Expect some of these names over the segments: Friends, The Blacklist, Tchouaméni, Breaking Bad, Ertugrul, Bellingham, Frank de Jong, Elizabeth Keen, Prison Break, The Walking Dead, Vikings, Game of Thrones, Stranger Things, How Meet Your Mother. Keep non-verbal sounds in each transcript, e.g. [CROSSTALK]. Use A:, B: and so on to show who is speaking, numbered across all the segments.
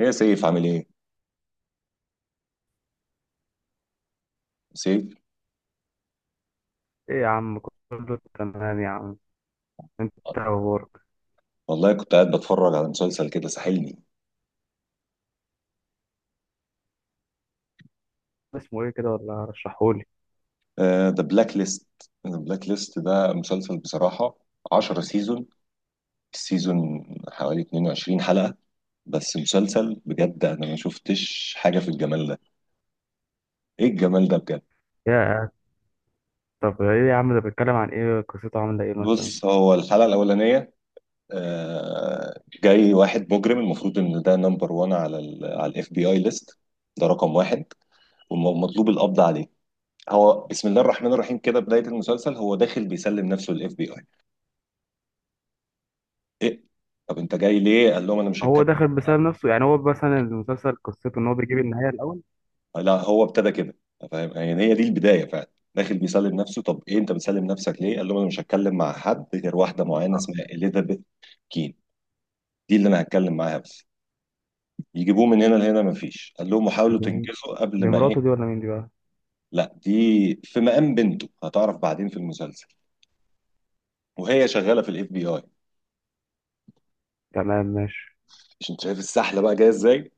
A: ايه يا سيف عامل ايه؟ سيف.
B: ايه يا عم، كله تمام يا عم. انت إيه اخبارك؟
A: والله كنت قاعد بتفرج على مسلسل كده ساحلني.
B: اسمه ايه كده؟ ولا رشحهولي.
A: ذا بلاك ليست. ذا بلاك ليست ده مسلسل بصراحة. 10 سيزون. السيزون حوالي 22 حلقة. بس مسلسل بجد، انا ما شفتش حاجة في الجمال ده. ايه الجمال ده بجد.
B: يا طب ايه يا عم، ده بيتكلم عن ايه؟ قصته عامله ايه مثلا؟
A: بص، هو الحلقة الأولانية جاي واحد مجرم، المفروض ان ده نمبر 1 على على الاف بي اي ليست. ده رقم واحد والمطلوب القبض عليه. هو بسم الله الرحمن الرحيم كده بداية المسلسل، هو داخل بيسلم نفسه للاف بي اي. ايه؟ طب انت جاي ليه؟ قال لهم انا مش
B: هو
A: هتكلم.
B: داخل بسبب نفسه؟ يعني هو مثلا المسلسل قصته ان هو بيجيب النهايه الاول؟
A: لا هو ابتدى كده، فاهم؟ يعني هي دي البداية، فعلا داخل بيسلم نفسه. طب ايه؟ انت بتسلم نفسك ليه؟ قال لهم انا مش هتكلم مع حد غير واحدة معينة
B: آه.
A: اسمها اليزابيث كين. دي اللي انا هتكلم معاها بس. يجيبوه من هنا لهنا مفيش، قال لهم حاولوا
B: دي
A: تنجزوا قبل
B: دي
A: ما
B: مراته دي،
A: ايه.
B: ولا مين دي بقى؟
A: لا دي في مقام بنته، هتعرف بعدين في المسلسل، وهي شغالة في الاف بي اي.
B: تمام، ماشي.
A: مش انت شايف السحلة بقى جاية ازاي.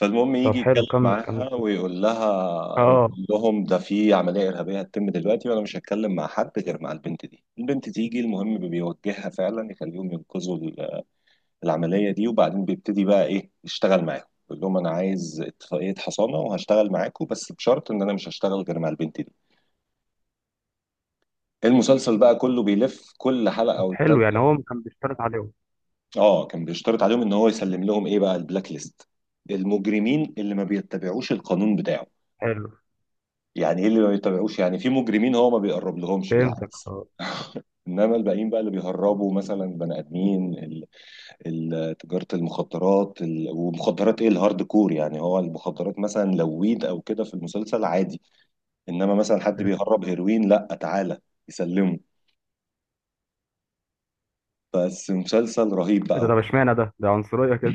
A: فالمهم
B: طب
A: يجي يتكلم
B: حلو، كمل كمل
A: معاها
B: كده.
A: ويقول لها، ويقول
B: اه.
A: لهم ده في عملية إرهابية هتتم دلوقتي وأنا مش هتكلم مع حد غير مع البنت دي. البنت تيجي، المهم بيوجهها فعلا، يخليهم ينقذوا العملية دي. وبعدين بيبتدي بقى إيه، يشتغل معاهم. يقول لهم أنا عايز اتفاقية حصانة وهشتغل معاكم، بس بشرط إن أنا مش هشتغل غير مع البنت دي. المسلسل بقى كله بيلف كل حلقة
B: طب
A: والتانية.
B: حلو، يعني هو كان بيشترط عليهم؟
A: آه، كان بيشترط عليهم إن هو يسلم لهم إيه بقى، البلاك ليست، المجرمين اللي ما بيتبعوش القانون بتاعه.
B: حلو،
A: يعني ايه اللي ما بيتابعوش؟ يعني في مجرمين هو ما بيقرب لهمش،
B: فهمتك
A: بالعكس.
B: اه.
A: انما الباقيين بقى اللي بيهربوا مثلا بني ادمين تجاره المخدرات، ومخدرات ايه، الهارد كور. يعني هو المخدرات مثلا لو ويد او كده في المسلسل عادي، انما مثلا حد بيهرب هيروين، لا تعالى يسلمه. بس مسلسل رهيب
B: إيه ده؟
A: بقى.
B: طب اشمعنى ده عنصريه كده؟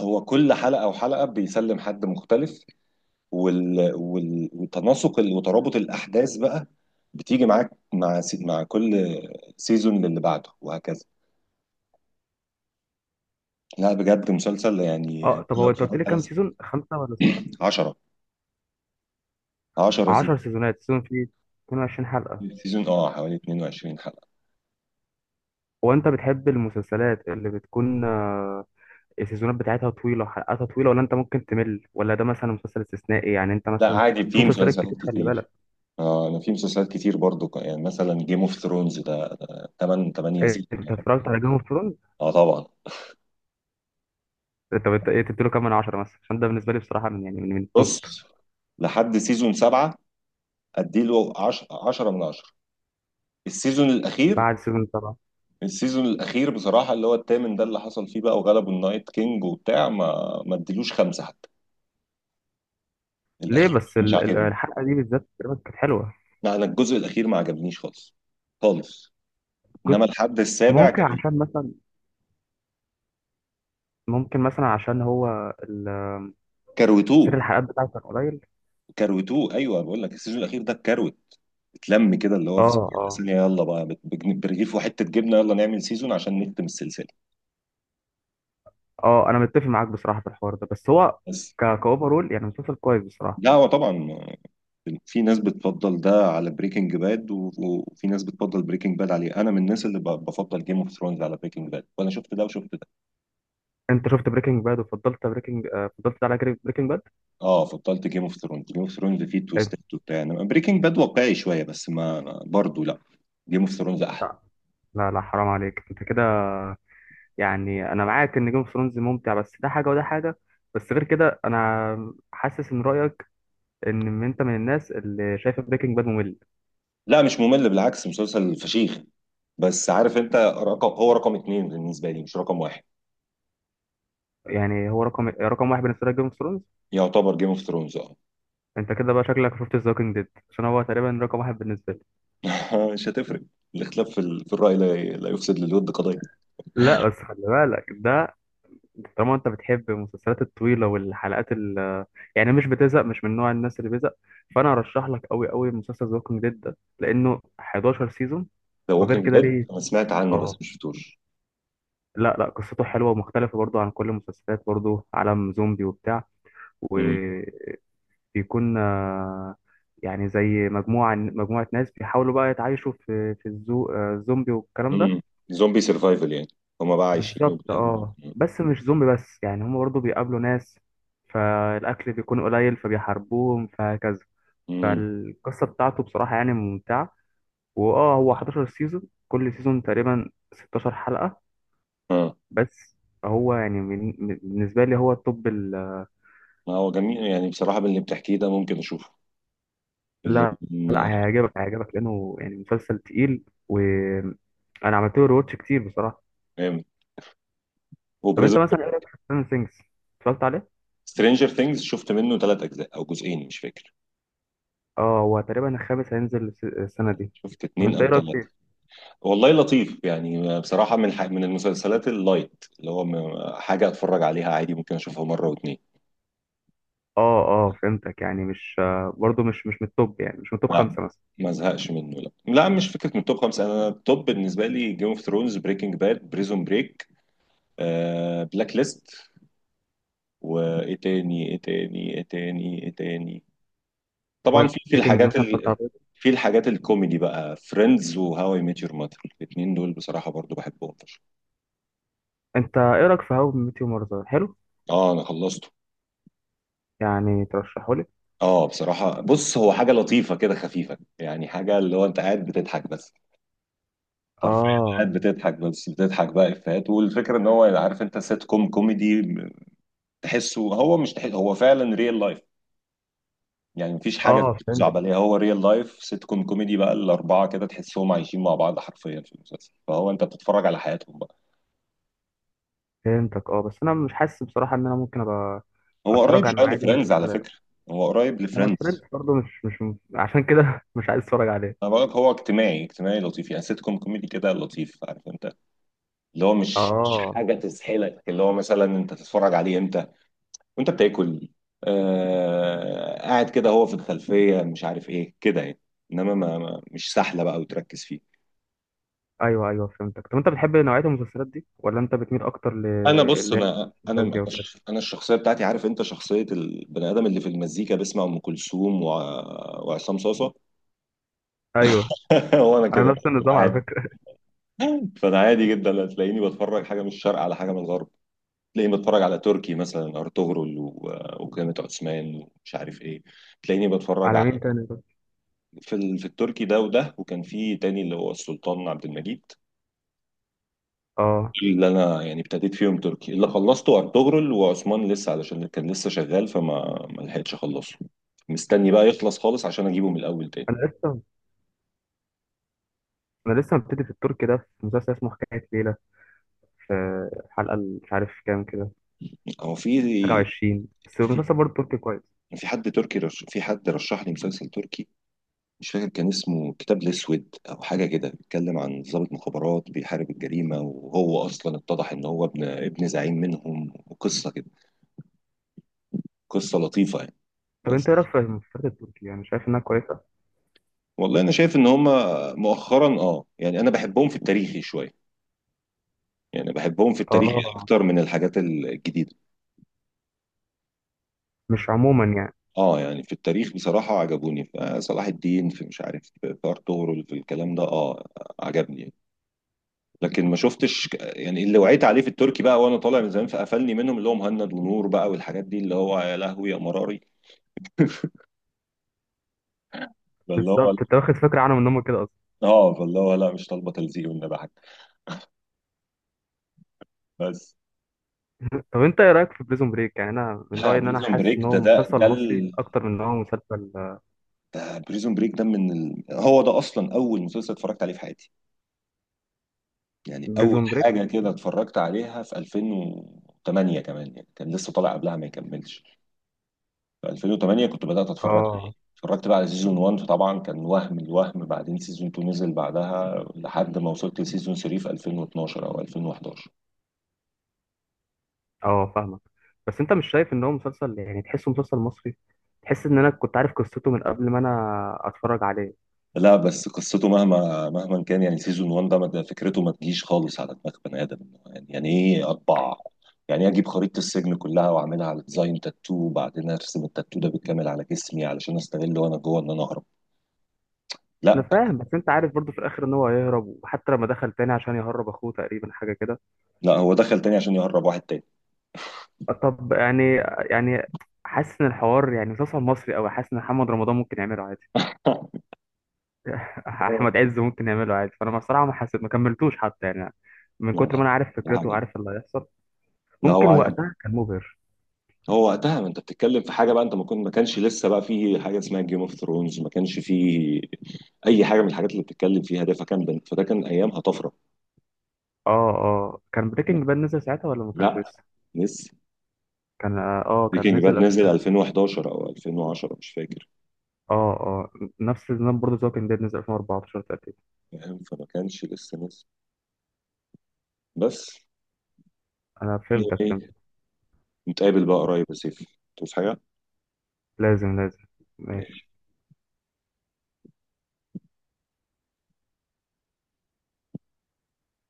A: هو كل حلقه وحلقه بيسلم حد مختلف. وال... وال... وتناسق ال- وترابط الاحداث بقى بتيجي معاك مع مع كل سيزون للي بعده وهكذا. لا بجد مسلسل، يعني
B: اه. طب
A: لو
B: هو انت قلت لي
A: اتفرجت على.
B: كام سيزون؟ خمسه ولا سته؟
A: 10 10 سيزون.
B: 10 سيزونات، سيزون فيه 22 حلقه؟
A: سيزون اه حوالي 22 حلقة.
B: هو انت بتحب المسلسلات اللي بتكون السيزونات بتاعتها طويلة، حلقاتها طويلة، ولا انت ممكن تمل؟ ولا ده مثلا مسلسل استثنائي؟ يعني انت
A: لا
B: مثلا؟
A: عادي،
B: في
A: في
B: مسلسلات
A: مسلسلات
B: كتير، خلي
A: كتير.
B: بالك.
A: اه انا في مسلسلات كتير برضو، يعني مثلا جيم اوف ثرونز ده 8
B: إيه،
A: سيزون.
B: انت اتفرجت على جيم اوف ثرونز؟
A: اه طبعا.
B: انت ايه تديله كام من 10 مثلا؟ عشان ده بالنسبة لي بصراحة، من يعني من التوب.
A: بص، لحد سيزون 7 اديله 10، 10 من 10. السيزون الاخير.
B: بعد سيزون 7؟
A: السيزون الاخير بصراحة اللي هو الثامن، ده اللي حصل فيه بقى وغلبوا النايت كينج وبتاع، ما اديلوش خمسة حتى.
B: ليه
A: الاخير
B: بس
A: مش عاجبني.
B: الحلقة دي بالذات تقريبا كانت حلوة.
A: لا انا الجزء الاخير ما عجبنيش خالص، خالص.
B: جزء.
A: انما الحد السابع
B: ممكن
A: جميل.
B: عشان مثلا، ممكن مثلا عشان هو ال-
A: كروتوه.
B: سير الحلقات بتاعته كان قليل.
A: كروتوه، ايوه، بقول لك السيزون الاخير ده اتكروت، اتلم كده، اللي هو
B: اه،
A: في ثانيه،
B: اه،
A: ثانية. يلا بقى برغيف وحته جبنه يلا نعمل سيزون عشان نختم السلسله.
B: اه، انا متفق معاك بصراحة في الحوار ده، بس هو
A: بس.
B: كاوفرول يعني مسلسل كويس بصراحة.
A: لا هو طبعا في ناس بتفضل ده على بريكنج باد وفي ناس بتفضل بريكنج باد عليه. انا من الناس اللي بفضل جيم اوف ثرونز على بريكنج باد، وانا شفت ده وشفت ده.
B: انت شفت بريكنج باد وفضلت بريكنج آه، فضلت ده على بريكنج باد؟
A: اه فضلت جيم اوف ثرونز. جيم اوف ثرونز فيه تويستات وبتاع، انما بريكنج باد واقعي شويه، بس ما. برضه لا، جيم اوف ثرونز احلى.
B: لا، لا، لا، حرام عليك انت كده. يعني انا معاك ان جيم اوف ثرونز ممتع، بس ده حاجه وده حاجه. بس غير كده انا حاسس ان رايك، ان انت من الناس اللي شايفه بريكنج باد ممل.
A: لا مش ممل، بالعكس، مسلسل فشيخ، بس عارف انت، هو رقم اتنين بالنسبه لي، مش رقم واحد.
B: يعني هو رقم واحد بالنسبه لك جيم اوف ثرونز؟
A: يعتبر جيم اوف ثرونز، اه.
B: انت كده بقى شكلك شفت ذا ووكينج ديد، عشان هو تقريبا رقم واحد بالنسبه لي.
A: [LAUGHS] مش هتفرق. الاختلاف في الرأي لا، لا يفسد للود قضية.
B: لا بس خلي بالك ده، طالما انت بتحب المسلسلات الطويله والحلقات ال، يعني مش بتزهق، مش من نوع الناس اللي بيزهق. فانا ارشح لك قوي قوي مسلسل ذا ووكينج ديد ده، لانه 11 سيزون.
A: ذا
B: وغير
A: ووكينج
B: كده
A: ديد
B: ليه؟
A: انا سمعت عنه بس
B: اه.
A: ما شفتوش.
B: لا، لا، قصته حلوه ومختلفه برضو عن كل المسلسلات، برضو عالم زومبي وبتاع.
A: مم.
B: وبيكون آه، يعني زي مجموعه ناس بيحاولوا بقى يتعايشوا في الزومبي والكلام ده.
A: مم. زومبي سرفايفل يعني، هما بقى عايشين
B: بالظبط
A: وبتعمل.
B: اه، بس مش زومبي بس، يعني هم برضه بيقابلوا ناس، فالأكل بيكون قليل، فبيحاربوهم، فهكذا.
A: امم.
B: فالقصة بتاعته بصراحة يعني ممتعة. واه هو 11 سيزون، كل سيزون تقريبا 16 حلقة.
A: اه
B: بس هو يعني بالنسبة لي هو التوب
A: ما هو جميل يعني، بصراحة من اللي بتحكيه ده ممكن اشوفه. اللي
B: لا، لا،
A: من.
B: هيعجبك، هيعجبك لأنه يعني مسلسل تقيل، وأنا عملت له ريواتش كتير بصراحة.
A: جامد.
B: طب
A: وبريزون.
B: أنت مثلا إيه رأيك في ستراندر ثينجز؟ اتفرجت عليه؟
A: سترينجر ثينجز شفت منه ثلاث اجزاء او جزئين مش فاكر.
B: اه، هو تقريبا الخامس هينزل السنة دي.
A: شفت
B: طب
A: اتنين
B: أنت إيه
A: او
B: رأيك
A: ثلاثة.
B: فيه؟
A: والله لطيف يعني بصراحة، من المسلسلات اللايت، اللي هو حاجة اتفرج عليها عادي، ممكن اشوفها مرة واتنين.
B: اه، اه، فهمتك. يعني مش برضو مش من التوب، يعني مش من التوب
A: لا
B: خمسة مثلا؟
A: ما ازهقش منه، لا لا، مش فكرة من التوب خمسة. انا التوب بالنسبة لي جيم اوف ثرونز، بريكنج باد، بريزون بريك، بلاك ليست، وايه تاني، ايه تاني، ايه تاني، ايه تاني. طبعا في
B: فايكنجز
A: الحاجات
B: مثلا، اتفرجت على Vikings؟
A: في الحاجات الكوميدي بقى، فريندز وهاو اي ميت يور ماتر، الاثنين دول بصراحة برضو بحبهم فشخ.
B: انت ايه رايك في هاو ميت يور ماذر؟ حلو؟
A: اه انا خلصت.
B: يعني ترشحه لي؟
A: اه بصراحة بص، هو حاجة لطيفة كده خفيفة، يعني حاجة اللي هو انت قاعد بتضحك بس، حرفيا
B: اه،
A: قاعد بتضحك بس، بتضحك بقى افيهات، والفكرة ان هو عارف انت سيت كوم كوميدي، تحسه هو، مش تحس هو فعلا ريل لايف. يعني مفيش حاجة
B: اه،
A: زعبلية، هو ريل لايف سيت كوم كوميدي بقى، الأربعة كده تحسهم عايشين مع بعض حرفيا في المسلسل، فهو انت بتتفرج على حياتهم بقى.
B: فهمتك اه. بس انا مش حاسس بصراحه ان انا ممكن ابقى
A: هو قريب
B: اتفرج على
A: شوية
B: النوعيه دي من
A: لفريندز على
B: المسلسلات.
A: فكرة. هو قريب
B: ما انا فريندز
A: لفريندز.
B: برضو، مش عشان كده [LAUGHS] مش عايز اتفرج عليه.
A: انا بقولك هو اجتماعي، اجتماعي لطيف، يعني سيت كوم كوميدي كده لطيف، عارف انت، اللي هو مش
B: اه.
A: حاجه تسحلك، اللي هو مثلا انت تتفرج عليه امتى وانت بتاكل، آه، قاعد كده هو في الخلفيه مش عارف ايه كده يعني، انما مش سهله بقى وتركز فيه.
B: ايوه، ايوه، فهمتك. طب انت بتحب نوعيه المسلسلات دي، ولا انت بتميل اكتر ل،
A: انا بص،
B: اللي هي
A: انا
B: الفانتازيا وكده؟
A: انا الشخصيه بتاعتي عارف انت، شخصيه البني ادم اللي في المزيكا بيسمع ام كلثوم وعصام صاصه.
B: ايوه.
A: [LAUGHS] هو انا كده
B: انا نفس النظام على
A: عادي.
B: فكره.
A: فانا عادي جدا، هتلاقيني بتفرج حاجه من الشرق على حاجه من الغرب. تلاقيني بتفرج على تركي مثلا ارطغرل وقيامة عثمان ومش عارف ايه. تلاقيني
B: [LAUGHS]
A: بتفرج
B: على
A: على
B: مين تاني ده؟
A: في التركي ده وده، وكان في تاني اللي هو السلطان عبد المجيد.
B: اه.
A: دول اللي انا يعني ابتديت فيهم تركي. اللي خلصته ارطغرل، وعثمان لسه علشان كان لسه شغال، فما ما لحقتش اخلصه. مستني بقى يخلص خالص عشان اجيبه من الاول تاني.
B: انا لسه انا لسه مبتدي في الترك ده، في مسلسل اسمه حكاية ليلة، في الحلقة اللي مش عارف كام كده،
A: هو
B: حاجة
A: في
B: وعشرين، بس
A: في
B: المسلسل برضه تركي كويس.
A: في حد تركي في حد رشح لي مسلسل تركي، مش فاكر كان اسمه كتاب الاسود او حاجه كده، بيتكلم عن ضابط مخابرات بيحارب الجريمه، وهو اصلا اتضح ان هو ابن زعيم منهم، وقصه كده. قصه لطيفه يعني.
B: طب
A: بس
B: انت ايه رأيك في المسلسلات التركية؟ يعني شايف انها كويسة؟
A: والله انا شايف ان هم مؤخرا، اه، يعني انا بحبهم في التاريخي شويه، يعني بحبهم في التاريخ
B: اه.
A: اكتر من الحاجات الجديده.
B: مش عموما يعني.
A: اه يعني في التاريخ بصراحه عجبوني في صلاح الدين، في مش عارف في ارطغرل، في الكلام ده، اه، عجبني يعني. لكن ما شفتش، يعني اللي وعيت عليه في التركي بقى وانا طالع من زمان فقفلني منهم، اللي هو مهند ونور بقى، والحاجات دي اللي هو يا لهوي يا مراري. [LAUGHS] فاللي هو
B: بالظبط، انت واخد فكرة عنهم ان هم كده اصلا.
A: اه فاللي هو لا، مش طالبه تلزيق والنبي حاجه. بس.
B: [LAUGHS] طب انت ايه رأيك في بريزون بريك؟ يعني انا من
A: لا
B: رأيي ان انا
A: بريزون
B: حاسس
A: بريك
B: ان
A: ده
B: هو مسلسل مصري اكتر من ان هو مسلسل.
A: ده بريزون بريك، ده من هو ده اصلا اول مسلسل اتفرجت عليه في حياتي. يعني اول
B: بريزون بريك؟
A: حاجه كده اتفرجت عليها في 2008 كمان، يعني كان لسه طالع قبلها ما يكملش. في 2008 كنت بدأت اتفرج عليه.
B: اه،
A: اتفرجت بقى على سيزون 1، فطبعا كان وهم الوهم. بعدين سيزون 2 نزل بعدها، لحد ما وصلت لسيزون 3 في 2012 او 2011.
B: اه، فاهمك. بس انت مش شايف ان هو مسلسل، يعني تحسه مسلسل مصري؟ تحس ان انا كنت عارف قصته من قبل ما انا اتفرج عليه.
A: لا بس قصته مهما مهما كان، يعني سيزون 1 ده، ده فكرته ما تجيش خالص على دماغ بني ادم. يعني ايه اطبع؟ يعني إيه اجيب خريطة السجن كلها واعملها على ديزاين تاتو، وبعدين ارسم التاتو ده بالكامل على جسمي علشان استغل وانا جوه ان انا اهرب؟
B: انا
A: لا.
B: فاهم، بس انت عارف برضو في الاخر ان هو هيهرب، وحتى لما دخل تاني عشان يهرب اخوه تقريبا حاجه كده.
A: لا، هو دخل تاني عشان يهرب واحد تاني.
B: طب يعني، يعني حاسس ان الحوار يعني مسلسل مصري قوي، حاسس ان محمد رمضان ممكن يعمله عادي. [LAUGHS] احمد
A: [LAUGHS]
B: عز ممكن يعمله عادي، فانا بصراحه ما حسيت، ما كملتوش حتى يعني، من
A: من
B: كتر
A: الغاية.
B: ما انا عارف فكرته
A: حاجة. [LAUGHS]
B: وعارف اللي هيحصل.
A: لا
B: ممكن
A: هو،
B: وقتها كان مبهر.
A: وقتها ما انت بتتكلم في حاجه بقى، انت ما كانش لسه بقى في حاجه اسمها جيم اوف ثرونز، ما كانش في اي حاجه من الحاجات اللي بتتكلم فيها ده، فكان فده كان ايامها طفره.
B: اه، اه، كان بريكنج باد نزل ساعتها ولا ما كانش
A: لا
B: لسه؟
A: لسه.
B: كان
A: بريكنج باد
B: نزل
A: نزل
B: اه.
A: 2011 او 2010 مش فاكر.
B: اه، نفس النظام برضه زي، كان نزل 2014 تقريبا.
A: فاهم، فما كانش لسه نزل. بس
B: انا فهمتك
A: ايه،
B: فهمتك
A: نتقابل بقى قريب يا سيف، توس حاجه.
B: لازم، لازم، ماشي.